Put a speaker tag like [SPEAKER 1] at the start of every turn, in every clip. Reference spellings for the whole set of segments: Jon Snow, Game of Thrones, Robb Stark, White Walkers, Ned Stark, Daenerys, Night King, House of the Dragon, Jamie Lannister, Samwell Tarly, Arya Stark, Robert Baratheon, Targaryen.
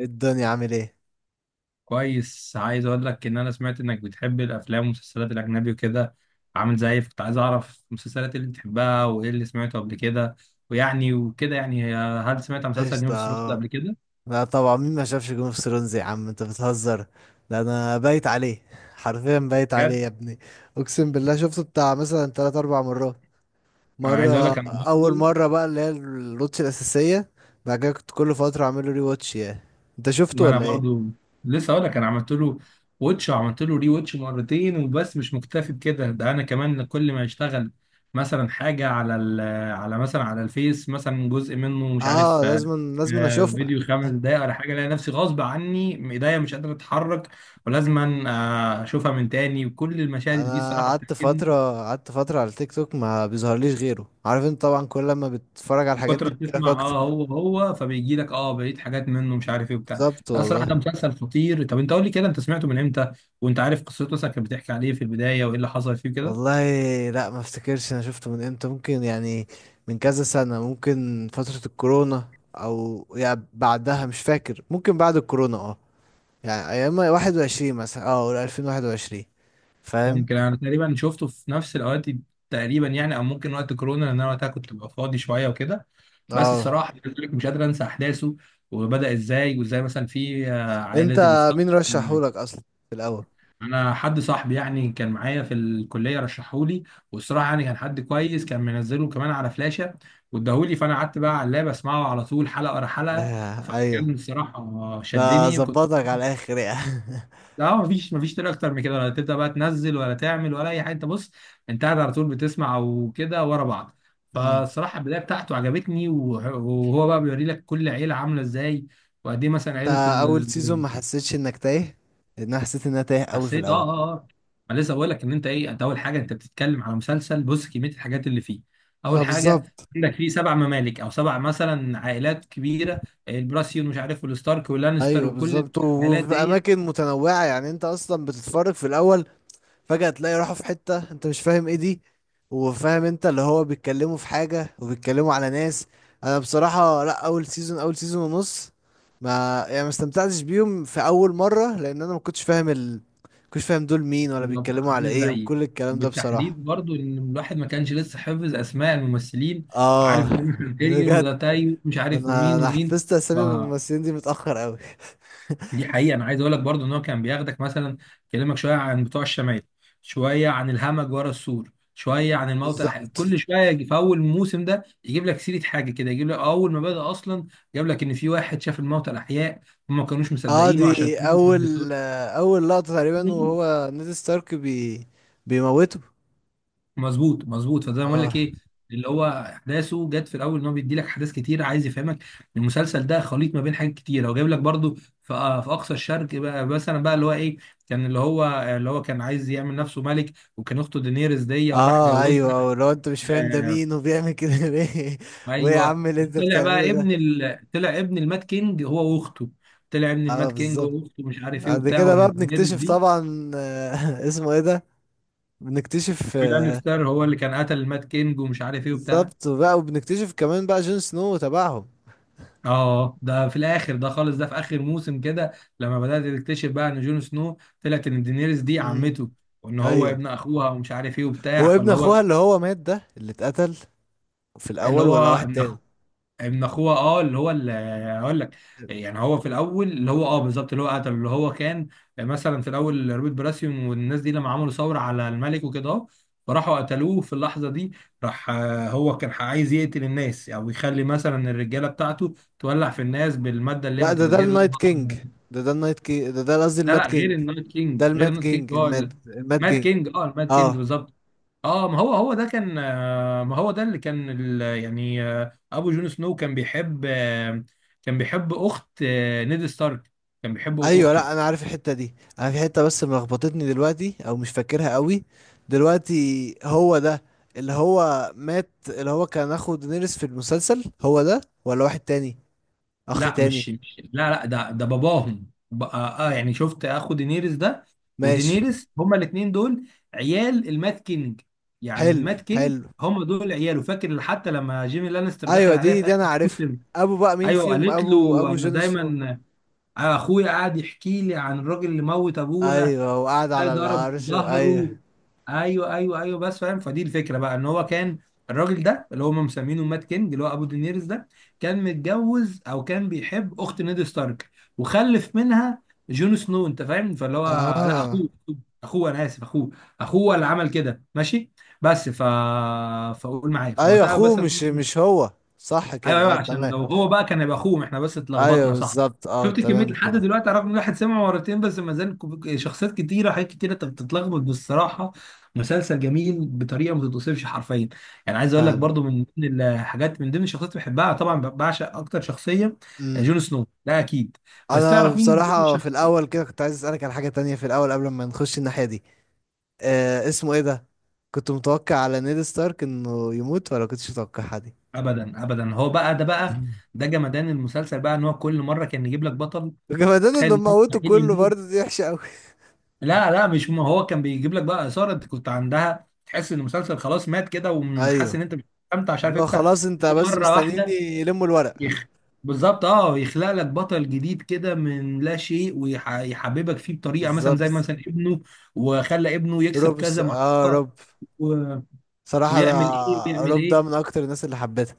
[SPEAKER 1] الدنيا عامل ايه؟
[SPEAKER 2] كويس، عايز اقول لك ان انا سمعت انك بتحب الافلام والمسلسلات الاجنبي وكده. عامل زيي، كنت عايز اعرف المسلسلات اللي بتحبها وايه اللي سمعته قبل كده. ويعني وكده يعني، هل سمعت عن مسلسل يوم
[SPEAKER 1] قشطة.
[SPEAKER 2] في
[SPEAKER 1] اه.
[SPEAKER 2] قبل كده؟
[SPEAKER 1] لا طبعا، مين ما شافش جيم اوف ثرونز؟ يا عم انت بتهزر. ده انا بايت عليه، حرفيا بايت عليه
[SPEAKER 2] بجد؟
[SPEAKER 1] يا ابني. اقسم بالله شفته بتاع مثلا تلات اربع مرات.
[SPEAKER 2] انا عايز اقول لك انا
[SPEAKER 1] اول
[SPEAKER 2] برضه.
[SPEAKER 1] مرة بقى اللي هي الواتش الاساسية. بعد كده كنت كل فترة اعمل له ري واتش يعني. انت شفته
[SPEAKER 2] ما انا
[SPEAKER 1] ولا ايه؟
[SPEAKER 2] برضو لسه اقول لك، انا عملت له ووتش وعملت له ري ووتش مرتين وبس، مش مكتفي بكده، ده انا كمان كل ما يشتغل مثلا حاجه على مثلا على الفيس مثلا جزء منه مش
[SPEAKER 1] اه،
[SPEAKER 2] عارف
[SPEAKER 1] لازم لازم اشوفها.
[SPEAKER 2] فيديو خمس دقايق ولا حاجه، الاقي نفسي غصب عني ايديا مش قادره اتحرك، ولازما اشوفها من تاني، وكل المشاهد اللي فيه
[SPEAKER 1] انا
[SPEAKER 2] الصراحه بتعجبني.
[SPEAKER 1] قعدت فترة على التيك توك، ما بيظهرليش غيره. عارف انت طبعا كل لما بتتفرج على
[SPEAKER 2] من
[SPEAKER 1] الحاجات
[SPEAKER 2] كتر
[SPEAKER 1] دي
[SPEAKER 2] ما
[SPEAKER 1] بتجيلك
[SPEAKER 2] بتسمع
[SPEAKER 1] اكتر.
[SPEAKER 2] اه هو فبيجي لك اه بقيت حاجات منه مش عارف ايه وبتاع.
[SPEAKER 1] بالظبط
[SPEAKER 2] لا صراحه ده
[SPEAKER 1] والله.
[SPEAKER 2] مسلسل خطير. طب انت قول لي كده، انت سمعته من امتى؟ وانت عارف قصته مثلا كانت بتحكي عليه في البدايه وايه اللي حصل فيه كده؟
[SPEAKER 1] والله لا، ما افتكرش انا شفته من امتى. ممكن يعني من كذا سنة، ممكن فترة الكورونا. او يعني بعدها، مش فاكر. ممكن بعد الكورونا، اه. يعني ايام 21 مثلا، اه، ولا 2021؟ فاهم.
[SPEAKER 2] ممكن انا تقريبا شفته في نفس الاوقات تقريبا يعني، او ممكن وقت كورونا، لان انا وقتها كنت ببقى فاضي شويه وكده. بس
[SPEAKER 1] اه.
[SPEAKER 2] الصراحه مش قادر انسى احداثه وبدا ازاي، وازاي مثلا في عائله
[SPEAKER 1] انت
[SPEAKER 2] الستار.
[SPEAKER 1] مين رشحهولك اصلا في الاول؟
[SPEAKER 2] انا حد صاحبي يعني كان معايا في الكليه رشحهولي، والصراحه يعني كان حد كويس، كان منزله كمان على فلاشه واداهولي، فانا قعدت بقى على اللاب اسمعه على طول حلقه ورا حلقه.
[SPEAKER 1] آه ايوه.
[SPEAKER 2] فكان الصراحه
[SPEAKER 1] ده
[SPEAKER 2] شدني، كنت.
[SPEAKER 1] ظبطك على الاخر يعني.
[SPEAKER 2] اه، مفيش طريقه اكتر من كده، ولا تبدا بقى تنزل ولا تعمل ولا اي حاجه، انت بص، انت قاعد على طول بتسمع وكده ورا بعض.
[SPEAKER 1] مم.
[SPEAKER 2] فالصراحه البدايه بتاعته عجبتني، وهو بقى بيوري لك كل عيله عامله ازاي وقد ايه مثلا
[SPEAKER 1] انت
[SPEAKER 2] عيله.
[SPEAKER 1] اول سيزون ما حسيتش انك تايه؟ لان انا حسيت ان انا تايه قوي في
[SPEAKER 2] حسيت اه
[SPEAKER 1] الاول.
[SPEAKER 2] اه اه. انا لسه بقول لك ان انت ايه، انت اول حاجه انت بتتكلم على مسلسل بص كميه الحاجات اللي فيه.
[SPEAKER 1] ما
[SPEAKER 2] اول حاجه
[SPEAKER 1] بالظبط.
[SPEAKER 2] عندك فيه سبع ممالك او سبع مثلا عائلات كبيره، البراسيون مش عارف والستارك واللانستر
[SPEAKER 1] ايوه
[SPEAKER 2] وكل
[SPEAKER 1] بالظبط،
[SPEAKER 2] العائلات
[SPEAKER 1] وفي
[SPEAKER 2] دي.
[SPEAKER 1] اماكن متنوعه يعني انت اصلا بتتفرج في الاول، فجاه تلاقي راحوا في حته انت مش فاهم ايه دي، وفاهم انت اللي هو بيتكلموا في حاجه وبيتكلموا على ناس. انا بصراحه لا، اول سيزون، اول سيزون ونص، ما يعني ما استمتعتش بيهم في اول مره، لان انا ما كنتش فاهم ما كنتش فاهم دول مين ولا
[SPEAKER 2] بالظبط
[SPEAKER 1] بيتكلموا على
[SPEAKER 2] عامل
[SPEAKER 1] ايه
[SPEAKER 2] زيي،
[SPEAKER 1] وكل الكلام ده بصراحه.
[SPEAKER 2] وبالتحديد برضو ان الواحد ما كانش لسه حافظ اسماء الممثلين،
[SPEAKER 1] اه
[SPEAKER 2] وعارف ده مش تيريون وده
[SPEAKER 1] بجد.
[SPEAKER 2] تايو مش عارف
[SPEAKER 1] انا
[SPEAKER 2] ومين
[SPEAKER 1] انا
[SPEAKER 2] ومين.
[SPEAKER 1] حفظت اسامي الممثلين دي متاخر قوي.
[SPEAKER 2] دي حقيقة. أنا عايز أقول لك برضو إن هو كان بياخدك مثلا يكلمك شوية عن بتوع الشمال، شوية عن الهمج ورا السور، شوية عن الموتى
[SPEAKER 1] بالظبط.
[SPEAKER 2] كل شوية في أول موسم ده يجيب لك سيرة حاجة كده، يجيب لك أول ما بدأ أصلا جاب لك إن في واحد شاف الموتى الأحياء وما كانوش
[SPEAKER 1] اه
[SPEAKER 2] مصدقينه عشان
[SPEAKER 1] دي اول، لقطة تقريبا،
[SPEAKER 2] كده.
[SPEAKER 1] وهو نيد ستارك بيموته.
[SPEAKER 2] مظبوط مظبوط. فده بقول لك
[SPEAKER 1] اه
[SPEAKER 2] ايه، اللي هو احداثه جت في الاول ان هو بيدي لك احداث كتير، عايز يفهمك. المسلسل ده خليط ما بين حاجات كتير، هو جايب لك برضو في في اقصى الشرق بقى مثلا بقى اللي هو ايه، كان اللي هو، اللي هو كان عايز يعمل نفسه ملك، وكان اخته دينيريس دي، وراح
[SPEAKER 1] اه
[SPEAKER 2] جوزها.
[SPEAKER 1] ايوه، لو انت مش فاهم ده
[SPEAKER 2] آه
[SPEAKER 1] مين وبيعمل كده ليه. وايه يا
[SPEAKER 2] ايوه.
[SPEAKER 1] عم اللي انت
[SPEAKER 2] طلع
[SPEAKER 1] بتعمله
[SPEAKER 2] بقى
[SPEAKER 1] ده؟
[SPEAKER 2] طلع ابن المات كينج هو واخته، طلع ابن
[SPEAKER 1] اه
[SPEAKER 2] المات كينج
[SPEAKER 1] بالظبط.
[SPEAKER 2] هو واخته مش عارف ايه
[SPEAKER 1] بعد
[SPEAKER 2] وبتاع،
[SPEAKER 1] كده بقى
[SPEAKER 2] وان دينيريس
[SPEAKER 1] بنكتشف
[SPEAKER 2] دي
[SPEAKER 1] طبعا، اسمه ايه ده. بنكتشف،
[SPEAKER 2] مش عارف ستار هو اللي كان قتل المات كينج ومش عارف ايه وبتاع.
[SPEAKER 1] بالظبط، وبقى وبنكتشف كمان بقى جون سنو وتبعهم.
[SPEAKER 2] اه ده في الاخر ده خالص، ده في اخر موسم كده لما بدات تكتشف بقى ان جون سنو طلعت ان دينيريس دي
[SPEAKER 1] امم.
[SPEAKER 2] عمته، وان هو
[SPEAKER 1] ايوه.
[SPEAKER 2] ابن اخوها ومش عارف ايه
[SPEAKER 1] هو
[SPEAKER 2] وبتاع.
[SPEAKER 1] ابن
[SPEAKER 2] فاللي هو
[SPEAKER 1] اخوها اللي هو مات، ده اللي اتقتل في
[SPEAKER 2] اللي
[SPEAKER 1] الاول،
[SPEAKER 2] هو
[SPEAKER 1] ولا واحد تاني؟
[SPEAKER 2] ابن اخوها، اه اللي هو اللي، هقول لك يعني، هو في الاول اللي هو اه بالظبط اللي هو قتله اللي هو كان مثلا في الاول روبرت براسيون والناس دي لما عملوا ثوره على الملك وكده اه، فراحوا قتلوه في اللحظه دي. راح هو كان عايز يقتل الناس، او يعني يخلي مثلا الرجاله بتاعته تولع في الناس بالماده اللي هي
[SPEAKER 1] لا، ده
[SPEAKER 2] متفجره.
[SPEAKER 1] النايت كينج، ده النايت كينج، ده قصدي
[SPEAKER 2] لا
[SPEAKER 1] المات
[SPEAKER 2] لا، غير
[SPEAKER 1] كينج.
[SPEAKER 2] النايت
[SPEAKER 1] ده
[SPEAKER 2] كينج، غير
[SPEAKER 1] المات
[SPEAKER 2] النايت كينج
[SPEAKER 1] كينج،
[SPEAKER 2] هو
[SPEAKER 1] الماد الماد
[SPEAKER 2] مات
[SPEAKER 1] كينج.
[SPEAKER 2] كينج، اه المات كينج
[SPEAKER 1] اه.
[SPEAKER 2] بالظبط. اه ما هو هو ده كان ما هو ده اللي كان يعني ابو جون سنو كان بيحب كان بيحب اخت نيد ستارك، كان بيحب
[SPEAKER 1] ايوه
[SPEAKER 2] اخته.
[SPEAKER 1] لا، انا عارف الحته دي. انا في حته بس ملخبطتني دلوقتي، او مش فاكرها قوي دلوقتي. هو ده اللي هو مات، اللي هو كان اخو دينيريس في المسلسل، هو ده ولا واحد تاني، اخ
[SPEAKER 2] لا
[SPEAKER 1] تاني؟
[SPEAKER 2] لا لا، ده ده باباهم بقى، اه يعني شفت اخو دينيريس ده
[SPEAKER 1] ماشي.
[SPEAKER 2] ودينيريس، هما الاثنين دول عيال المات كينج، يعني
[SPEAKER 1] حلو،
[SPEAKER 2] المات كينج
[SPEAKER 1] حلو.
[SPEAKER 2] هما دول عياله. فاكر حتى لما جيمي لانستر دخل
[SPEAKER 1] ايوه،
[SPEAKER 2] عليها
[SPEAKER 1] دي
[SPEAKER 2] في
[SPEAKER 1] دي
[SPEAKER 2] اخر
[SPEAKER 1] انا عارفها.
[SPEAKER 2] الموسم،
[SPEAKER 1] ابو بقى مين
[SPEAKER 2] ايوه
[SPEAKER 1] فيهم،
[SPEAKER 2] قالت
[SPEAKER 1] ابو
[SPEAKER 2] له
[SPEAKER 1] ابو
[SPEAKER 2] انا
[SPEAKER 1] جون سنو؟
[SPEAKER 2] دايما اخويا قاعد يحكي لي عن الراجل اللي موت ابونا،
[SPEAKER 1] ايوه، وقعد
[SPEAKER 2] ده
[SPEAKER 1] على
[SPEAKER 2] ضرب
[SPEAKER 1] العرش، ايوه.
[SPEAKER 2] ظهره. ايوه ايوه ايوه بس فاهم، فدي الفكره بقى ان هو كان الراجل ده اللي هم مسمينه مات كينج اللي هو ابو دينيرز ده كان متجوز او كان بيحب اخت نيد ستارك وخلف منها جون سنو، انت فاهم؟ فاللي هو، لا
[SPEAKER 1] اه
[SPEAKER 2] اخوه، اخوه انا اسف، اخوه اخوه اللي عمل كده، ماشي. بس ف، فقول معايا
[SPEAKER 1] ايوه
[SPEAKER 2] فوقتها
[SPEAKER 1] اخوه،
[SPEAKER 2] بس.
[SPEAKER 1] مش هو. صح
[SPEAKER 2] ايوه
[SPEAKER 1] كده،
[SPEAKER 2] ايوه،
[SPEAKER 1] اه
[SPEAKER 2] عشان
[SPEAKER 1] تمام.
[SPEAKER 2] لو هو بقى كان هيبقى اخوهم، احنا بس
[SPEAKER 1] ايوه
[SPEAKER 2] اتلخبطنا صح.
[SPEAKER 1] بالظبط، اه
[SPEAKER 2] شفت كميه
[SPEAKER 1] تمام
[SPEAKER 2] لحد
[SPEAKER 1] كده.
[SPEAKER 2] دلوقتي رغم ان الواحد سمع مرتين بس، ما زال شخصيات كتيره حاجات كتيره، انت بتتلخبط بالصراحه. مسلسل جميل بطريقه ما تتوصفش حرفيا. يعني عايز اقول لك
[SPEAKER 1] فاهم.
[SPEAKER 2] برضو من ضمن الحاجات، من ضمن الشخصيات اللي بحبها، طبعا بعشق اكتر شخصيه،
[SPEAKER 1] امم.
[SPEAKER 2] جون سنو ده اكيد. بس
[SPEAKER 1] انا
[SPEAKER 2] تعرف مين من ضمن
[SPEAKER 1] بصراحه في
[SPEAKER 2] الشخصيات؟
[SPEAKER 1] الاول كده كنت عايز اسالك على حاجه تانية في الاول قبل ما نخش الناحيه دي. اسمه ايه ده. كنت متوقع على نيد ستارك انه يموت، ولا كنتش متوقعها دي؟
[SPEAKER 2] ابدا ابدا، هو بقى ده بقى، ده جمدان المسلسل بقى ان هو كل مره كان يجيب لك بطل
[SPEAKER 1] وكمان انهم
[SPEAKER 2] تخيل إنه
[SPEAKER 1] موتوا
[SPEAKER 2] مستحيل
[SPEAKER 1] كله
[SPEAKER 2] يموت.
[SPEAKER 1] برضه، دي وحشه قوي.
[SPEAKER 2] لا لا مش م- هو كان بيجيب لك بقى اثاره، انت كنت عندها تحس ان المسلسل خلاص مات كده، وحاسس
[SPEAKER 1] ايوه،
[SPEAKER 2] ان انت مش مستمتع، مش عارف
[SPEAKER 1] اللي هو
[SPEAKER 2] تفتح
[SPEAKER 1] خلاص انت بس
[SPEAKER 2] مره
[SPEAKER 1] مستنيين
[SPEAKER 2] واحده،
[SPEAKER 1] يلموا الورق.
[SPEAKER 2] يخ... بالظبط، اه يخلق لك بطل جديد كده من لا شيء، ويحببك فيه بطريقه مثلا زي
[SPEAKER 1] بالظبط.
[SPEAKER 2] مثلا ابنه، وخلى ابنه يكسب
[SPEAKER 1] روب س...
[SPEAKER 2] كذا
[SPEAKER 1] اه
[SPEAKER 2] معركه
[SPEAKER 1] روب.
[SPEAKER 2] و...،
[SPEAKER 1] صراحه ده،
[SPEAKER 2] ويعمل ايه ويعمل
[SPEAKER 1] روب ده من
[SPEAKER 2] ايه.
[SPEAKER 1] اكتر الناس اللي حبيتها.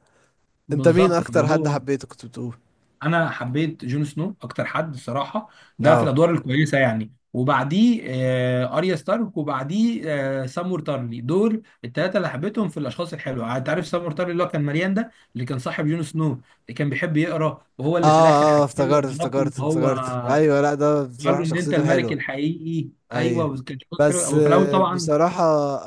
[SPEAKER 1] انت مين
[SPEAKER 2] بالظبط فاللي
[SPEAKER 1] اكتر حد
[SPEAKER 2] هو،
[SPEAKER 1] حبيته كنت بتقول؟
[SPEAKER 2] انا حبيت جون سنو اكتر حد الصراحه، ده في
[SPEAKER 1] اه
[SPEAKER 2] الادوار الكويسه يعني، وبعديه آه اريا ستارك، وبعديه آه سامور تارلي، دول الثلاثه اللي حبيتهم في الاشخاص الحلوه يعني. انت عارف سامور تارلي اللي هو كان مليان ده، اللي كان صاحب جون سنو، اللي كان بيحب يقرا، وهو اللي في الاخر
[SPEAKER 1] اه اه
[SPEAKER 2] حكى له
[SPEAKER 1] افتكرت
[SPEAKER 2] علاقه ان
[SPEAKER 1] افتكرت
[SPEAKER 2] هو
[SPEAKER 1] افتكرت، ايوه لا، ده
[SPEAKER 2] قال
[SPEAKER 1] بصراحة
[SPEAKER 2] له ان انت
[SPEAKER 1] شخصيته
[SPEAKER 2] الملك
[SPEAKER 1] حلوة.
[SPEAKER 2] الحقيقي. ايوه،
[SPEAKER 1] ايوه
[SPEAKER 2] وكان شخص حلو
[SPEAKER 1] بس،
[SPEAKER 2] هو في الاول طبعا.
[SPEAKER 1] بصراحة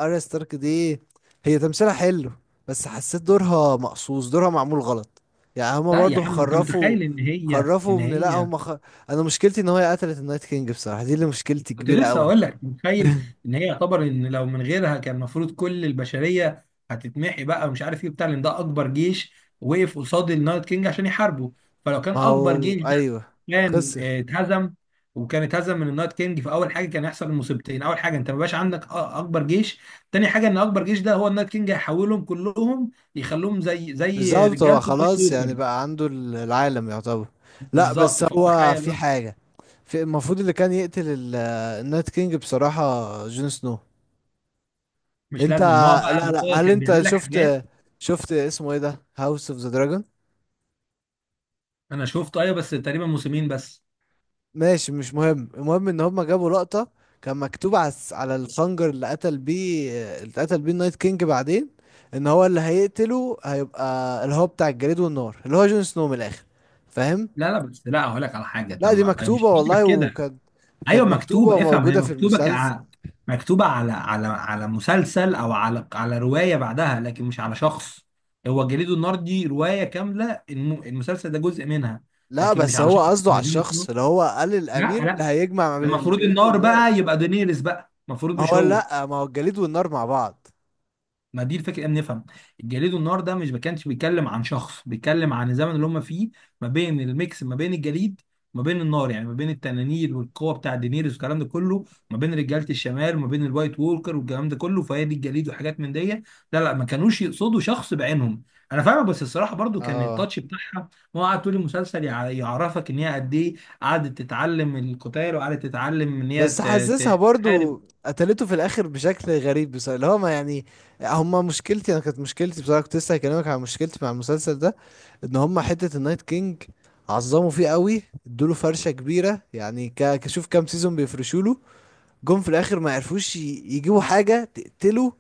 [SPEAKER 1] اريا ستارك دي، هي تمثيلها حلو. بس حسيت دورها مقصوص، دورها معمول غلط. يعني هما
[SPEAKER 2] لا يا
[SPEAKER 1] برضو
[SPEAKER 2] عم انت
[SPEAKER 1] خرفوا
[SPEAKER 2] متخيل ان هي
[SPEAKER 1] خرفوا من لا هما انا مشكلتي ان هي قتلت النايت كينج، بصراحة دي اللي مشكلتي
[SPEAKER 2] كنت
[SPEAKER 1] كبيرة
[SPEAKER 2] لسه
[SPEAKER 1] قوي.
[SPEAKER 2] اقول لك متخيل ان هي يعتبر ان لو من غيرها كان المفروض كل البشريه هتتمحي بقى ومش عارف ايه بتاع، لان ده اكبر جيش وقف قصاد النايت كينج عشان يحاربه. فلو كان
[SPEAKER 1] ما
[SPEAKER 2] اكبر
[SPEAKER 1] هو
[SPEAKER 2] جيش ده
[SPEAKER 1] ايوه،
[SPEAKER 2] كان
[SPEAKER 1] خسر.
[SPEAKER 2] اتهزم، وكان اتهزم من النايت كينج، فاول حاجه كان يحصل المصيبتين، اول حاجه انت ما بقاش عندك اكبر جيش، تاني حاجه ان اكبر جيش ده هو النايت كينج هيحولهم كلهم يخلوهم زي زي
[SPEAKER 1] بالظبط، هو
[SPEAKER 2] رجالته بلاك
[SPEAKER 1] خلاص يعني
[SPEAKER 2] ووكر.
[SPEAKER 1] بقى عنده العالم يعتبر. لا
[SPEAKER 2] بالظبط،
[SPEAKER 1] بس هو
[SPEAKER 2] فتخيل
[SPEAKER 1] في
[SPEAKER 2] بقى.
[SPEAKER 1] حاجة، في المفروض اللي كان يقتل النايت كينج، بصراحة جون سنو.
[SPEAKER 2] مش
[SPEAKER 1] انت،
[SPEAKER 2] لازم ان هو بقى
[SPEAKER 1] لا لا،
[SPEAKER 2] هو
[SPEAKER 1] هل
[SPEAKER 2] كان
[SPEAKER 1] انت
[SPEAKER 2] بيعمل لك
[SPEAKER 1] شفت
[SPEAKER 2] حاجات.
[SPEAKER 1] شفت اسمه ايه ده، هاوس اوف ذا دراجون؟
[SPEAKER 2] انا شفته ايوه، بس تقريبا موسمين بس.
[SPEAKER 1] ماشي مش مهم، المهم ان هما جابوا لقطة. كان مكتوب على الخنجر اللي قتل بيه، اللي قتل بيه النايت كينج بعدين، ان هو اللي هيقتله هيبقى اللي هو بتاع الجليد والنار اللي هو جون سنو من الاخر. فاهم؟
[SPEAKER 2] لا لا بس لا، هقول لك على حاجه،
[SPEAKER 1] لا
[SPEAKER 2] طب
[SPEAKER 1] دي
[SPEAKER 2] ما هي مش
[SPEAKER 1] مكتوبة
[SPEAKER 2] فكره
[SPEAKER 1] والله،
[SPEAKER 2] كده.
[SPEAKER 1] وكانت
[SPEAKER 2] ايوه
[SPEAKER 1] كانت مكتوبة
[SPEAKER 2] مكتوبه افهم، هي
[SPEAKER 1] وموجودة في
[SPEAKER 2] مكتوبه
[SPEAKER 1] المسلسل.
[SPEAKER 2] مكتوبه على على على مسلسل، او على على روايه بعدها، لكن مش على شخص. هو جليدو النار دي روايه كامله، المسلسل ده جزء منها،
[SPEAKER 1] لا
[SPEAKER 2] لكن مش
[SPEAKER 1] بس
[SPEAKER 2] على
[SPEAKER 1] هو
[SPEAKER 2] شخص،
[SPEAKER 1] قصده على
[SPEAKER 2] مش جون
[SPEAKER 1] الشخص
[SPEAKER 2] سنو.
[SPEAKER 1] اللي هو قال
[SPEAKER 2] لا
[SPEAKER 1] الأمير اللي
[SPEAKER 2] لا.
[SPEAKER 1] هيجمع ما بين
[SPEAKER 2] المفروض
[SPEAKER 1] الجليد
[SPEAKER 2] النار
[SPEAKER 1] والنار.
[SPEAKER 2] بقى يبقى دينيرس بقى، المفروض
[SPEAKER 1] ما
[SPEAKER 2] مش
[SPEAKER 1] هو
[SPEAKER 2] هو.
[SPEAKER 1] لا، ما هو الجليد والنار مع بعض.
[SPEAKER 2] ما دي الفكره ان نفهم. الجليد والنار ده مش ما كانش بيتكلم عن شخص، بيتكلم عن الزمن اللي هم فيه، ما بين الميكس ما بين الجليد وما بين النار، يعني ما بين التنانير والقوه بتاع دينيريس والكلام ده كله، ما بين رجاله الشمال وما بين الوايت وولكر والكلام ده كله. فهي دي الجليد وحاجات من دي. لا لا ما كانوش يقصدوا شخص بعينهم. انا فاهمك، بس الصراحه برضو كان
[SPEAKER 1] اه
[SPEAKER 2] التاتش بتاعها، ما هو قعد طول المسلسل يعرفك ان هي قد ايه قعدت تتعلم القتال، وقعدت تتعلم ان هي
[SPEAKER 1] بس حسسها
[SPEAKER 2] تحارب.
[SPEAKER 1] برضو قتلته في الآخر بشكل غريب، بصراحة اللي هو ما يعني. هما مشكلتي أنا، كانت مشكلتي بصراحة كنت لسه هكلمك عن مشكلتي مع المسلسل ده، ان هما حتة النايت كينج عظموا فيه قوي، ادوله فرشة كبيرة يعني، كشوف كام سيزون بيفرشوله. جم في الاخر ما عرفوش يجيبوا حاجه تقتله،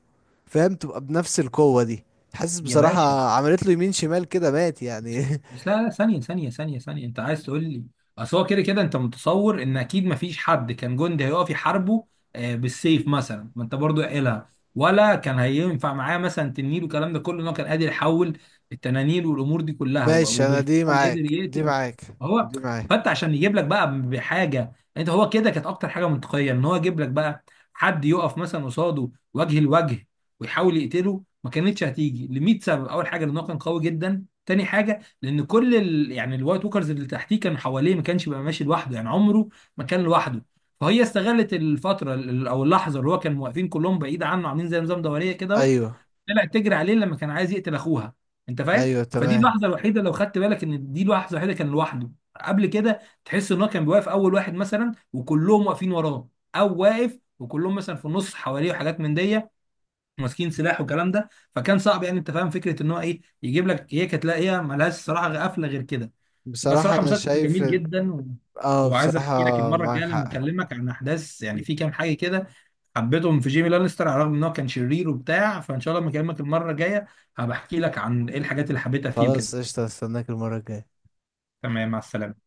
[SPEAKER 1] فاهم، تبقى بنفس القوه دي. حاسس
[SPEAKER 2] يا باشا،
[SPEAKER 1] بصراحه عملت له يمين شمال كده مات يعني
[SPEAKER 2] بس لا لا، ثانية ثانية ثانية ثانية، أنت عايز تقول لي أصل هو كده كده أنت متصور إن أكيد مفيش حد كان جندي هيقف يحاربه بالسيف مثلا، ما أنت برضو قايلها، ولا كان هينفع معاه مثلا تنين والكلام ده كله، إن هو كان قادر يحول التنانين والأمور دي كلها،
[SPEAKER 1] ماشي انا دي
[SPEAKER 2] وبالفعل قدر
[SPEAKER 1] معاك، دي
[SPEAKER 2] يقتل
[SPEAKER 1] معاك،
[SPEAKER 2] هو.
[SPEAKER 1] دي معاك.
[SPEAKER 2] فأنت عشان يجيب لك بقى بحاجة أنت هو كده، كانت أكتر حاجة منطقية إن هو يجيب لك بقى حد يقف مثلا قصاده وجه لوجه ويحاول يقتله، ما كانتش هتيجي ل 100 سبب. أول حاجة إن هو كان قوي جدا، تاني حاجة لان كل يعني الوايت ووكرز اللي تحتيه كان حواليه، ما كانش بيبقى ماشي لوحده، يعني عمره ما كان لوحده. فهي استغلت الفتره او اللحظه اللي هو كان واقفين كلهم بعيد عنه عاملين زي نظام دوريه كده اهو،
[SPEAKER 1] ايوه
[SPEAKER 2] طلعت تجري عليه لما كان عايز يقتل اخوها. انت فاهم،
[SPEAKER 1] ايوه
[SPEAKER 2] فدي
[SPEAKER 1] تمام.
[SPEAKER 2] اللحظه الوحيده، لو خدت بالك ان دي اللحظه الوحيده كان لوحده. قبل كده تحس ان هو كان بيوقف اول واحد مثلا وكلهم واقفين وراه، او واقف وكلهم مثلا في النص حواليه وحاجات من دي، ماسكين سلاح والكلام ده. فكان صعب، يعني انت فاهم فكره ان هو ايه يجيب لك، هي كانت لا هي ملهاش صراحه قفله غير كده. بس
[SPEAKER 1] بصراحه
[SPEAKER 2] صراحه
[SPEAKER 1] انا
[SPEAKER 2] مسلسل
[SPEAKER 1] شايف
[SPEAKER 2] جميل جدا و...، وعايز احكي لك
[SPEAKER 1] بصراحه،
[SPEAKER 2] المره
[SPEAKER 1] معاك
[SPEAKER 2] الجايه لما
[SPEAKER 1] حق.
[SPEAKER 2] اكلمك عن احداث يعني، في كام حاجه كده حبيتهم في جيمي لانستر على الرغم ان هو كان شرير وبتاع، فان شاء الله لما اكلمك المره الجايه هبحكي لك عن ايه الحاجات اللي حبيتها فيه
[SPEAKER 1] خلاص
[SPEAKER 2] وكده.
[SPEAKER 1] قشطه، استناك المره الجايه.
[SPEAKER 2] تمام، مع السلامه.